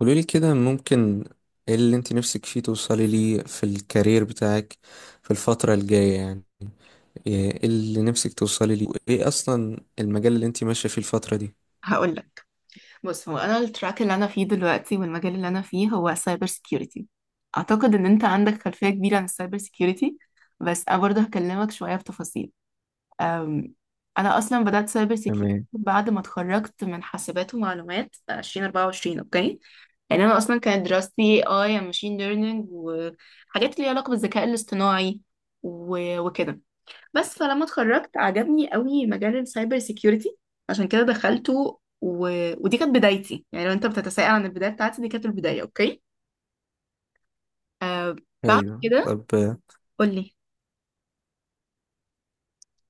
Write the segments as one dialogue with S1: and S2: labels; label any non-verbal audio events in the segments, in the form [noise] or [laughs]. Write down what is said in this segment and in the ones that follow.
S1: قولولي كده ممكن، ايه اللي انت نفسك فيه توصلي ليه في الكارير بتاعك في الفترة الجاية؟ يعني ايه اللي نفسك توصلي ليه، وايه اصلا المجال اللي انت ماشية فيه الفترة دي؟
S2: هقول لك. بص، هو انا التراك اللي انا فيه دلوقتي والمجال اللي انا فيه هو سايبر سيكيورتي. اعتقد ان انت عندك خلفية كبيرة عن السايبر سيكيورتي، بس انا برضه هكلمك شوية في تفاصيل. أم، انا اصلا بدأت سايبر سيكيورتي
S1: تمام.
S2: بعد ما اتخرجت من حاسبات ومعلومات 2024. اوكي. يعني انا اصلا كانت دراستي اي ماشين ليرنينج وحاجات ليها علاقة بالذكاء الاصطناعي وكده. بس فلما اتخرجت عجبني قوي مجال السايبر سيكيورتي، عشان كده دخلته ودي كانت بدايتي. يعني لو انت بتتساءل عن البداية بتاعتي، دي كانت البداية. اوكي. آه. بعد
S1: ايوه.
S2: كده،
S1: طب
S2: قول لي.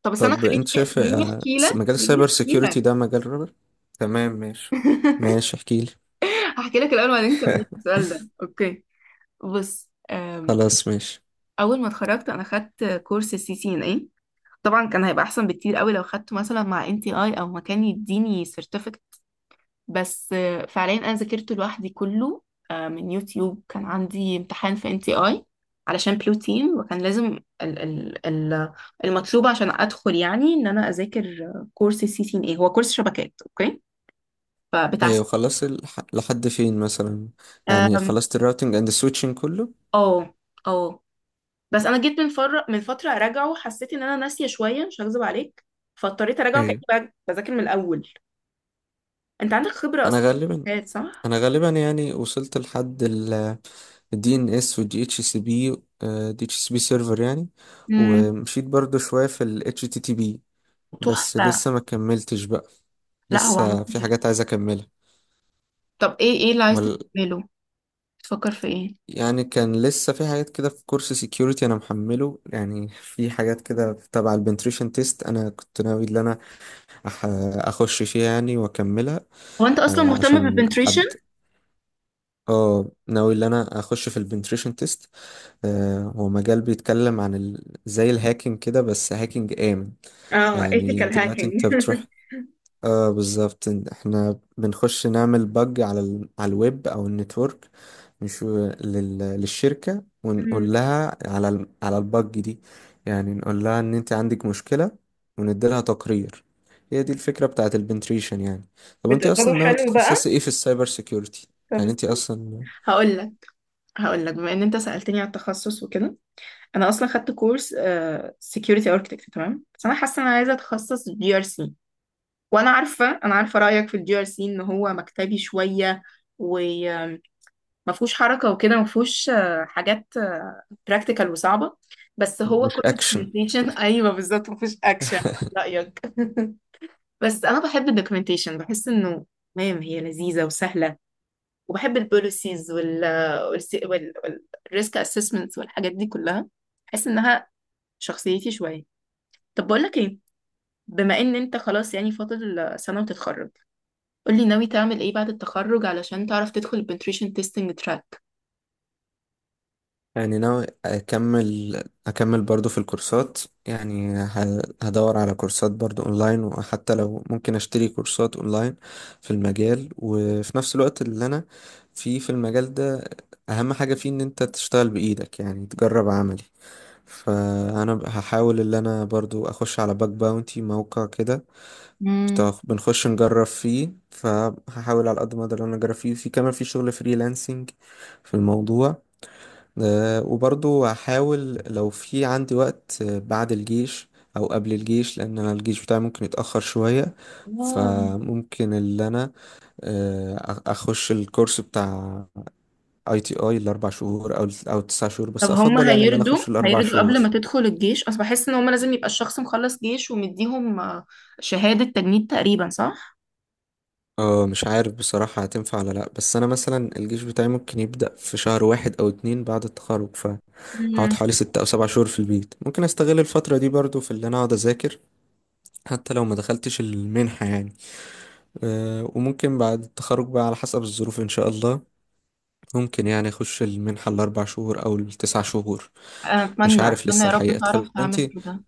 S2: طب استنى،
S1: طب انت
S2: خليني
S1: شايف
S2: خليني احكي لك
S1: مجال
S2: خليني
S1: السايبر
S2: احكي
S1: سيكيورتي
S2: لك
S1: ده مجال رابر. تمام، ماشي. ماشي،
S2: [laughs]
S1: احكيلي.
S2: هحكي لك الاول وبعدين كملت
S1: [laughs]
S2: السؤال ده. اوكي. بص
S1: خلاص ماشي.
S2: اول ما اتخرجت انا خدت كورس سي سي ان اي. طبعا كان هيبقى احسن بكتير قوي لو خدته مثلا مع ان تي اي، او مكان يديني certificate. بس فعليا انا ذاكرته لوحدي كله من يوتيوب. كان عندي امتحان في ان تي اي علشان بلوتين، وكان لازم ال المطلوب عشان ادخل، يعني ان انا اذاكر كورس السي سي ان اي هو كورس شبكات. اوكي. فبتاع
S1: ايوه، خلصت لحد فين مثلا؟ يعني
S2: آم،
S1: خلصت الراوتنج اند السويتشنج كله؟
S2: اه، اه. بس انا جيت من فتره اراجعه، حسيت ان انا ناسيه شويه، مش هكذب عليك. فاضطريت اراجعه
S1: ايوه.
S2: كاني بذاكر من الاول. انت عندك خبره
S1: انا
S2: اصلا
S1: غالبا
S2: في الشبكات، صح؟
S1: انا غالبا يعني وصلت لحد دي ان اس ودي اتش سي بي، سيرفر يعني.
S2: امم.
S1: ومشيت برضو شوية في ال HTTP، بس
S2: تحفه.
S1: لسه ما كملتش بقى.
S2: لا، هو عمل.
S1: لسه في حاجات عايز اكملها،
S2: طب ايه اللي عايز
S1: وال...
S2: تعمله؟ بتفكر في ايه؟
S1: يعني كان لسه في حاجات كده في كورس سيكيورتي انا محمله، يعني في حاجات كده تبع البنتريشن تيست انا كنت ناوي ان انا أح... اخش فيها يعني واكملها.
S2: هو انت اصلا
S1: آه
S2: مهتمه
S1: عشان
S2: بالبنتريشن؟
S1: ابدا. اه، ناوي ان انا اخش في البنتريشن تيست. هو مجال بيتكلم عن زي الهاكينج كده، بس هاكينج آمن.
S2: اه،
S1: يعني
S2: ethical
S1: دلوقتي
S2: hacking.
S1: انت بتروح.
S2: [laughs]
S1: اه، بالظبط، احنا بنخش نعمل بج على على الويب او النتورك. مش للشركة،
S2: مم.
S1: ونقول لها على على البج دي. يعني نقول لها ان انت عندك مشكلة، ونديلها تقرير. هي دي الفكرة بتاعت البنتريشن يعني. طب انت
S2: بتقدروا
S1: اصلا ناوي
S2: حلو بقى.
S1: تتخصصي ايه في السايبر سيكيورتي؟
S2: طب
S1: يعني انت
S2: استنى.
S1: اصلا.
S2: هقول لك هقول لك بما ان انت سألتني على التخصص وكده، انا اصلا خدت كورس سكيورتي اركتكت. تمام، بس انا حاسه ان انا عايزه اتخصص جي ار سي. وانا عارفه رايك في الجي ار سي، ان هو مكتبي شويه وما فيهوش حركه وكده، ما فيهوش حاجات براكتيكال وصعبه. بس هو
S1: مش
S2: كله
S1: اكشن.
S2: documentation. ايوه بالظبط، ما فيهوش اكشن. رايك. [laughs] بس انا بحب الدوكيومنتيشن، بحس انه تمام، هي لذيذه وسهله. وبحب البوليسيز والريسك اسسمنتس والحاجات دي كلها، بحس انها شخصيتي شويه. طب بقول لك ايه، بما ان انت خلاص يعني فاضل سنه وتتخرج، قول لي ناوي تعمل ايه بعد التخرج علشان تعرف تدخل البنتريشن تيستنج تراك.
S1: يعني ناوي أكمل برضو في الكورسات. يعني هدور على كورسات برضو أونلاين، وحتى لو ممكن أشتري كورسات أونلاين في المجال. وفي نفس الوقت اللي أنا فيه في المجال ده، أهم حاجة فيه إن أنت تشتغل بإيدك، يعني تجرب عملي. فأنا هحاول اللي أنا برضو أخش على باك باونتي موقع كده،
S2: امم.
S1: بنخش نجرب فيه. فهحاول على قد ما أقدر إن أنا أجرب فيه، في كمان في شغل فريلانسنج في الموضوع. وبرضو هحاول لو في عندي وقت بعد الجيش او قبل الجيش، لان انا الجيش بتاعي ممكن يتأخر شوية.
S2: واو.
S1: فممكن اللي انا اخش الكورس بتاع اي تي اي الاربع شهور او التسع شهور،
S2: طب
S1: بس
S2: هم
S1: افضل يعني اللي انا
S2: هيردوا
S1: اخش الاربع
S2: هيردوا
S1: شهور.
S2: قبل ما تدخل الجيش؟ اصل بحس ان هم لازم يبقى الشخص مخلص جيش ومديهم شهاده تجنيد تقريبا، صح؟
S1: اه، مش عارف بصراحة هتنفع ولا لأ، بس أنا مثلا الجيش بتاعي ممكن يبدأ في شهر واحد أو اتنين بعد التخرج. فهقعد حوالي 6 أو 7 شهور في البيت، ممكن أستغل الفترة دي برضو في اللي أنا أقعد أذاكر، حتى لو ما دخلتش المنحة يعني. وممكن بعد التخرج بقى على حسب الظروف إن شاء الله ممكن يعني أخش المنحة الأربع شهور أو التسع شهور. مش
S2: اتمنى
S1: عارف
S2: اتمنى
S1: لسه
S2: يا رب
S1: الحقيقة.
S2: تعرف
S1: طب
S2: تعمل
S1: أنتي
S2: كده.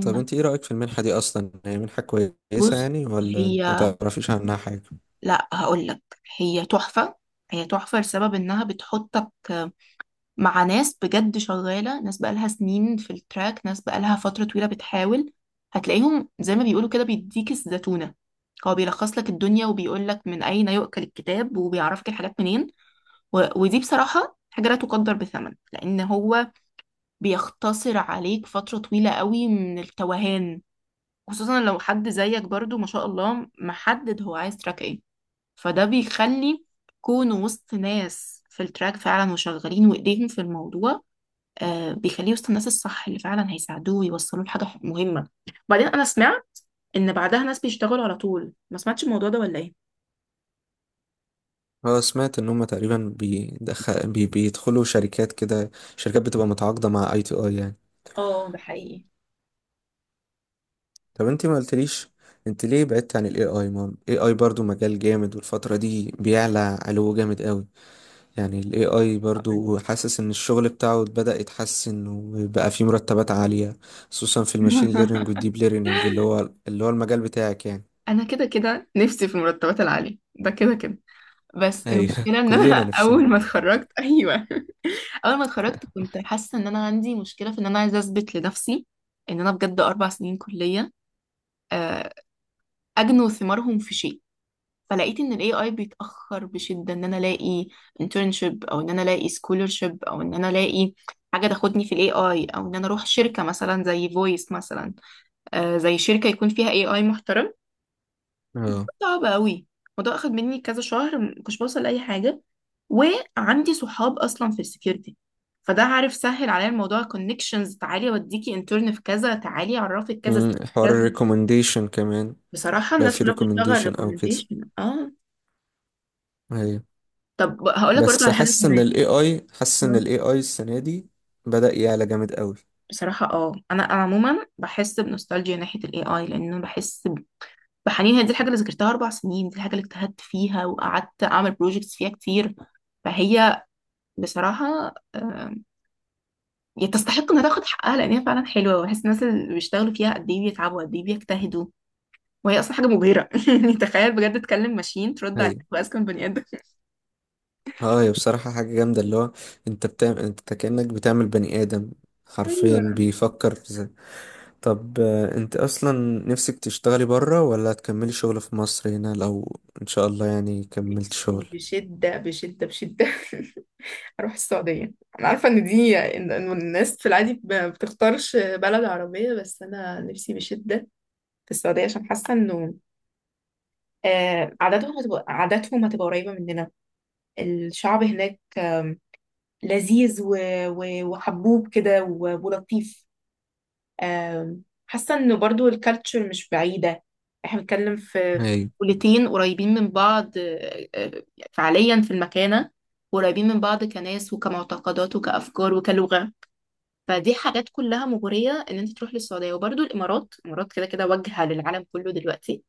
S1: طب أنتي إيه رأيك في المنحة دي أصلا؟ هي منحة كويسة
S2: بص،
S1: يعني، ولا أنت
S2: هي،
S1: ما تعرفيش عنها حاجة؟
S2: لا هقول لك، هي تحفة. هي تحفة لسبب انها بتحطك مع ناس بجد شغالة، ناس بقالها سنين في التراك، ناس بقالها فترة طويلة بتحاول. هتلاقيهم زي ما بيقولوا كده بيديك الزتونة، هو بيلخص لك الدنيا وبيقول لك من اين يؤكل الكتاب، وبيعرفك الحاجات منين ودي بصراحة حاجة لا تقدر بثمن، لأن هو بيختصر عليك فترة طويلة قوي من التوهان، خصوصا لو حد زيك برضو ما شاء الله محدد هو عايز تراك ايه. فده بيخلي كونه وسط ناس في التراك فعلا وشغالين وايديهم في الموضوع، بيخليه وسط الناس الصح اللي فعلا هيساعدوه ويوصلوه لحاجة مهمة. بعدين انا سمعت ان بعدها ناس بيشتغلوا على طول، ما سمعتش الموضوع ده ولا ايه؟
S1: أه، سمعت إن هما تقريبا بيدخلوا شركات كده، شركات بتبقى متعاقدة مع أي تي أي يعني.
S2: اه، ده حقيقي.
S1: طب أنتي ما قلتليش، أنت ليه بعدت عن ال AI؟ ما ال AI برضو مجال جامد، والفترة دي بيعلى علو جامد قوي. يعني ال AI
S2: هقول.
S1: برضو، حاسس ان الشغل بتاعه بدأ يتحسن، وبقى فيه مرتبات عالية، خصوصا في الماشين ليرنينج
S2: [laughs]
S1: والديب ليرنينج، اللي هو المجال بتاعك يعني.
S2: انا كده كده نفسي في المرتبات العالية، ده كده كده. بس
S1: ايوه،
S2: المشكلة
S1: [laughs]
S2: ان انا
S1: كلنا
S2: [laughs]
S1: نفسنا.
S2: اول ما اتخرجت ايوه، اول ما اتخرجت كنت حاسه ان انا عندي مشكله في ان انا عايزه اثبت لنفسي ان انا بجد اربع سنين كليه آه، اجنوا ثمارهم في شيء. فلقيت ان الاي اي بيتاخر بشده ان انا الاقي internship، او ان انا الاقي scholarship، او ان انا الاقي حاجه تاخدني في الاي اي، او ان انا اروح شركه مثلا زي فويس مثلا، زي شركه يكون فيها اي اي.
S1: اه،
S2: صعب قوي. الموضوع اخد مني كذا شهر، ما كنتش بوصل لاي حاجه. وعندي صحاب اصلا في السكيورتي، فده عارف سهل عليا الموضوع، كونكشنز. تعالي اوديكي انترن في كذا، تعالي اعرفك كذا
S1: حوار
S2: كذا.
S1: الريكومنديشن كمان.
S2: بصراحه
S1: لو
S2: الناس
S1: في
S2: كلها بتشتغل
S1: ريكومنديشن او كده.
S2: ريكومنديشن، اه.
S1: ايوه.
S2: طب هقول لك برضه
S1: بس
S2: على حاجه
S1: حاسس ان
S2: كمان.
S1: ال AI، حاسس
S2: آه.
S1: ان ال AI السنة دي بدأ يعلى جامد قوي.
S2: بصراحه اه، انا عموما بحس بنوستالجيا ناحيه الاي اي، لانه بحس بحنين. هي دي الحاجه اللي ذاكرتها اربع سنين، دي الحاجه اللي اجتهدت فيها وقعدت اعمل بروجكتس فيها كتير. فهي بصراحه آه، يعني تستحق انها تاخد حقها، لان هي فعلا حلوه، وبحس الناس اللي بيشتغلوا فيها قد ايه بيتعبوا، قد ايه بيجتهدوا. وهي اصلا حاجه مبهره. [laughs] يعني تخيل بجد، تكلم ماشين ترد
S1: ايوه.
S2: عليك واذكى من بني ادم.
S1: اه، هي بصراحة حاجة جامدة، اللي هو انت كأنك بتعمل بني آدم حرفيا
S2: ايوه.
S1: بيفكر. طب انت اصلا نفسك تشتغلي بره، ولا هتكملي شغل في مصر هنا لو ان شاء الله يعني كملت
S2: نفسي
S1: شغل؟
S2: بشدة بشدة بشدة. [laughs] اروح السعودية. انا عارفة ان دي إن الناس في العادي بتختارش بلد عربية، بس انا نفسي بشدة في السعودية، عشان حاسة انه عاداتهم هتبقى قريبة مننا. الشعب هناك لذيذ وحبوب كده ولطيف. حاسة انه برضو الكالتشر مش بعيدة. احنا بنتكلم في
S1: ايوه.
S2: دولتين قريبين من بعض. فعليا في المكانة قريبين من بعض، كناس وكمعتقدات وكأفكار وكلغة. فدي حاجات كلها مغرية ان انت تروح للسعودية. وبرضو الامارات، الامارات كده كده واجهة للعالم كله دلوقتي.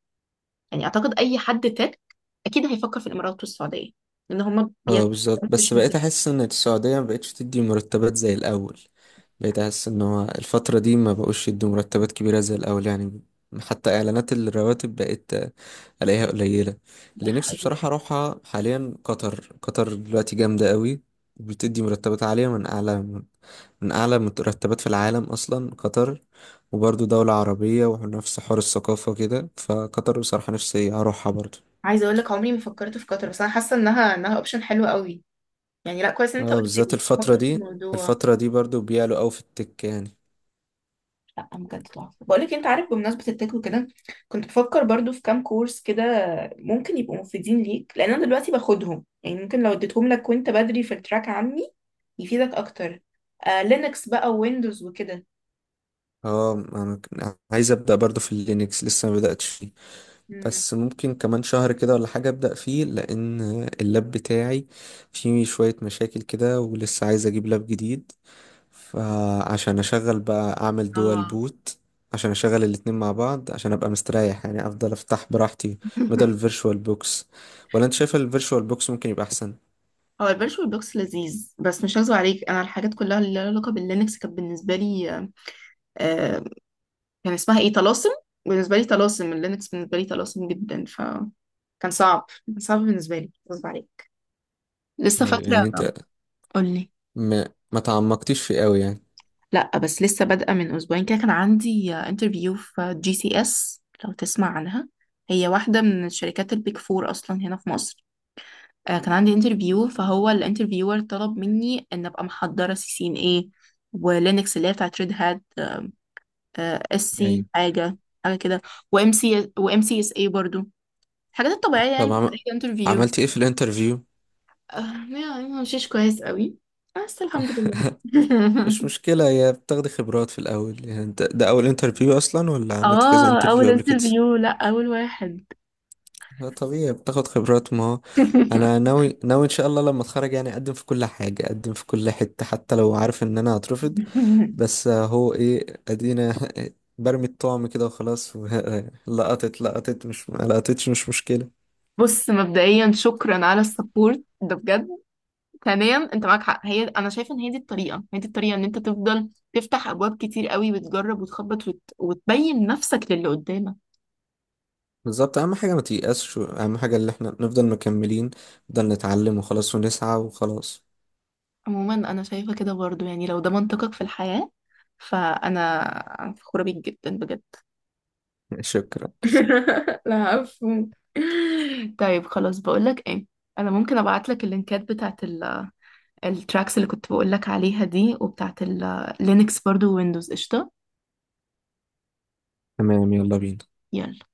S2: يعني اعتقد اي حد تك اكيد هيفكر في الامارات والسعودية، لان هما
S1: اه،
S2: بيتكلموا
S1: بالظبط، بس بقيت
S2: بشدة.
S1: احس ان السعودية ما بقتش تدي مرتبات زي الاول. بقيت احس ان هو الفترة دي ما بقوش يدوا مرتبات كبيرة زي الاول يعني. حتى اعلانات الرواتب بقيت الاقيها قليلة.
S2: ده
S1: اللي نفسي
S2: حقيقي.
S1: بصراحة اروحها حاليا قطر. قطر دلوقتي جامدة قوي، بتدي مرتبات عالية، من أعلى المرتبات في العالم أصلا قطر. وبرضو دولة عربية، ونفس حوار الثقافة كده. فقطر بصراحة نفسي أروحها برضو.
S2: عايزة اقول لك، عمري ما فكرت في قطر، بس انا حاسة انها اوبشن حلو قوي. يعني لا، كويس ان انت
S1: اه،
S2: قلت
S1: بالذات
S2: لي، بفكر في الموضوع.
S1: الفترة دي برضو بيعلوا أوي في التك يعني.
S2: لا بجد تحفه. بقول لك انت عارف، بمناسبه التك وكده كنت بفكر برضو في كام كورس كده ممكن يبقوا مفيدين ليك، لان انا دلوقتي باخدهم، يعني ممكن لو اديتهم لك وانت بدري في التراك عني يفيدك اكتر. آه، لينكس بقى، ويندوز، وكده.
S1: اه، أنا عايز أبدأ برضو في اللينكس، لسه ما بدأتش فيه.
S2: مم.
S1: بس ممكن كمان شهر كده ولا حاجة أبدأ فيه، لأن اللاب بتاعي فيه شوية مشاكل كده، ولسه عايز أجيب لاب جديد، فعشان اشغل بقى اعمل دوال
S2: اه.
S1: بوت، عشان اشغل الاتنين مع بعض عشان ابقى مستريح يعني، افضل افتح براحتي بدل
S2: [laughs]
S1: الفيرشوال بوكس. ولا انت شايف الفيرشوال بوكس ممكن يبقى احسن؟
S2: هو الفيرتشوال بوكس لذيذ، بس مش هكذب عليك، انا الحاجات كلها اللي لها علاقه باللينكس كانت بالنسبه لي كان اسمها ايه، طلاسم. بالنسبه لي طلاسم. اللينكس بالنسبه لي طلاسم جدا، ف كان صعب، كان صعب بالنسبه لي غصب عليك. لسه
S1: ايوه.
S2: فاكره.
S1: يعني انت
S2: قولي.
S1: ما تعمقتيش فيه قوي يعني؟
S2: لا، بس لسه بادئه من اسبوعين كده، كان عندي انترفيو في جي سي اس، لو تسمع عنها، هي واحده من الشركات البيك فور اصلا هنا في مصر. كان عندي انترفيو، فهو الانترفيور طلب مني ان ابقى محضره سي سي ان اي، ولينكس اللي هي بتاعت ريد هات، اس
S1: ايوه.
S2: سي حاجه، حاجه كده. وام سي اس اي برضو، الحاجات الطبيعية يعني
S1: طب
S2: بتاعت أي انترفيو.
S1: عملت ايه في الانترفيو؟
S2: آه، يعني ما مشيش كويس قوي، بس الحمد لله.
S1: [laughs] مش
S2: [laughs]
S1: مشكلة، يا بتاخدي خبرات في الاول. يعني انت ده اول انترفيو اصلا، ولا عملت كذا
S2: اه،
S1: انترفيو
S2: أول
S1: قبل كده؟
S2: انترفيو، لأ أول واحد.
S1: لا، طبيعي بتاخد خبرات. ما هو انا
S2: [laughs]
S1: ناوي ناوي ان شاء الله لما اتخرج يعني اقدم في كل حاجه، اقدم في كل حته، حتى لو عارف ان انا هترفض. بس هو ايه، ادينا [laughs] برمي الطعم كده وخلاص. [laughs] لقطت لقطت، مش ما لقطتش، مش مشكله.
S2: بص مبدئيا، شكرا على السبورت ده بجد. ثانيا انت معاك حق، هي انا شايفه ان هي دي الطريقه، هي دي الطريقه ان انت تفضل تفتح ابواب كتير قوي، وتجرب وتخبط وتبين نفسك للي قدامك.
S1: بالظبط، اهم حاجه ما تيأسش. اهم حاجه اللي احنا نفضل مكملين، نفضل نتعلم وخلاص، ونسعى وخلاص.
S2: عموما انا شايفه كده برضو، يعني لو ده منطقك في الحياه، فانا فخوره بيك جدا بجد.
S1: شكرا.
S2: [laughs] لا مفهوم. طيب خلاص، بقولك ايه، انا ممكن ابعتلك اللينكات بتاعت التراكس اللي كنت بقولك عليها دي، وبتاعت اللينكس برضو، ويندوز. قشطة،
S1: تمام، يلا بينا.
S2: يلا.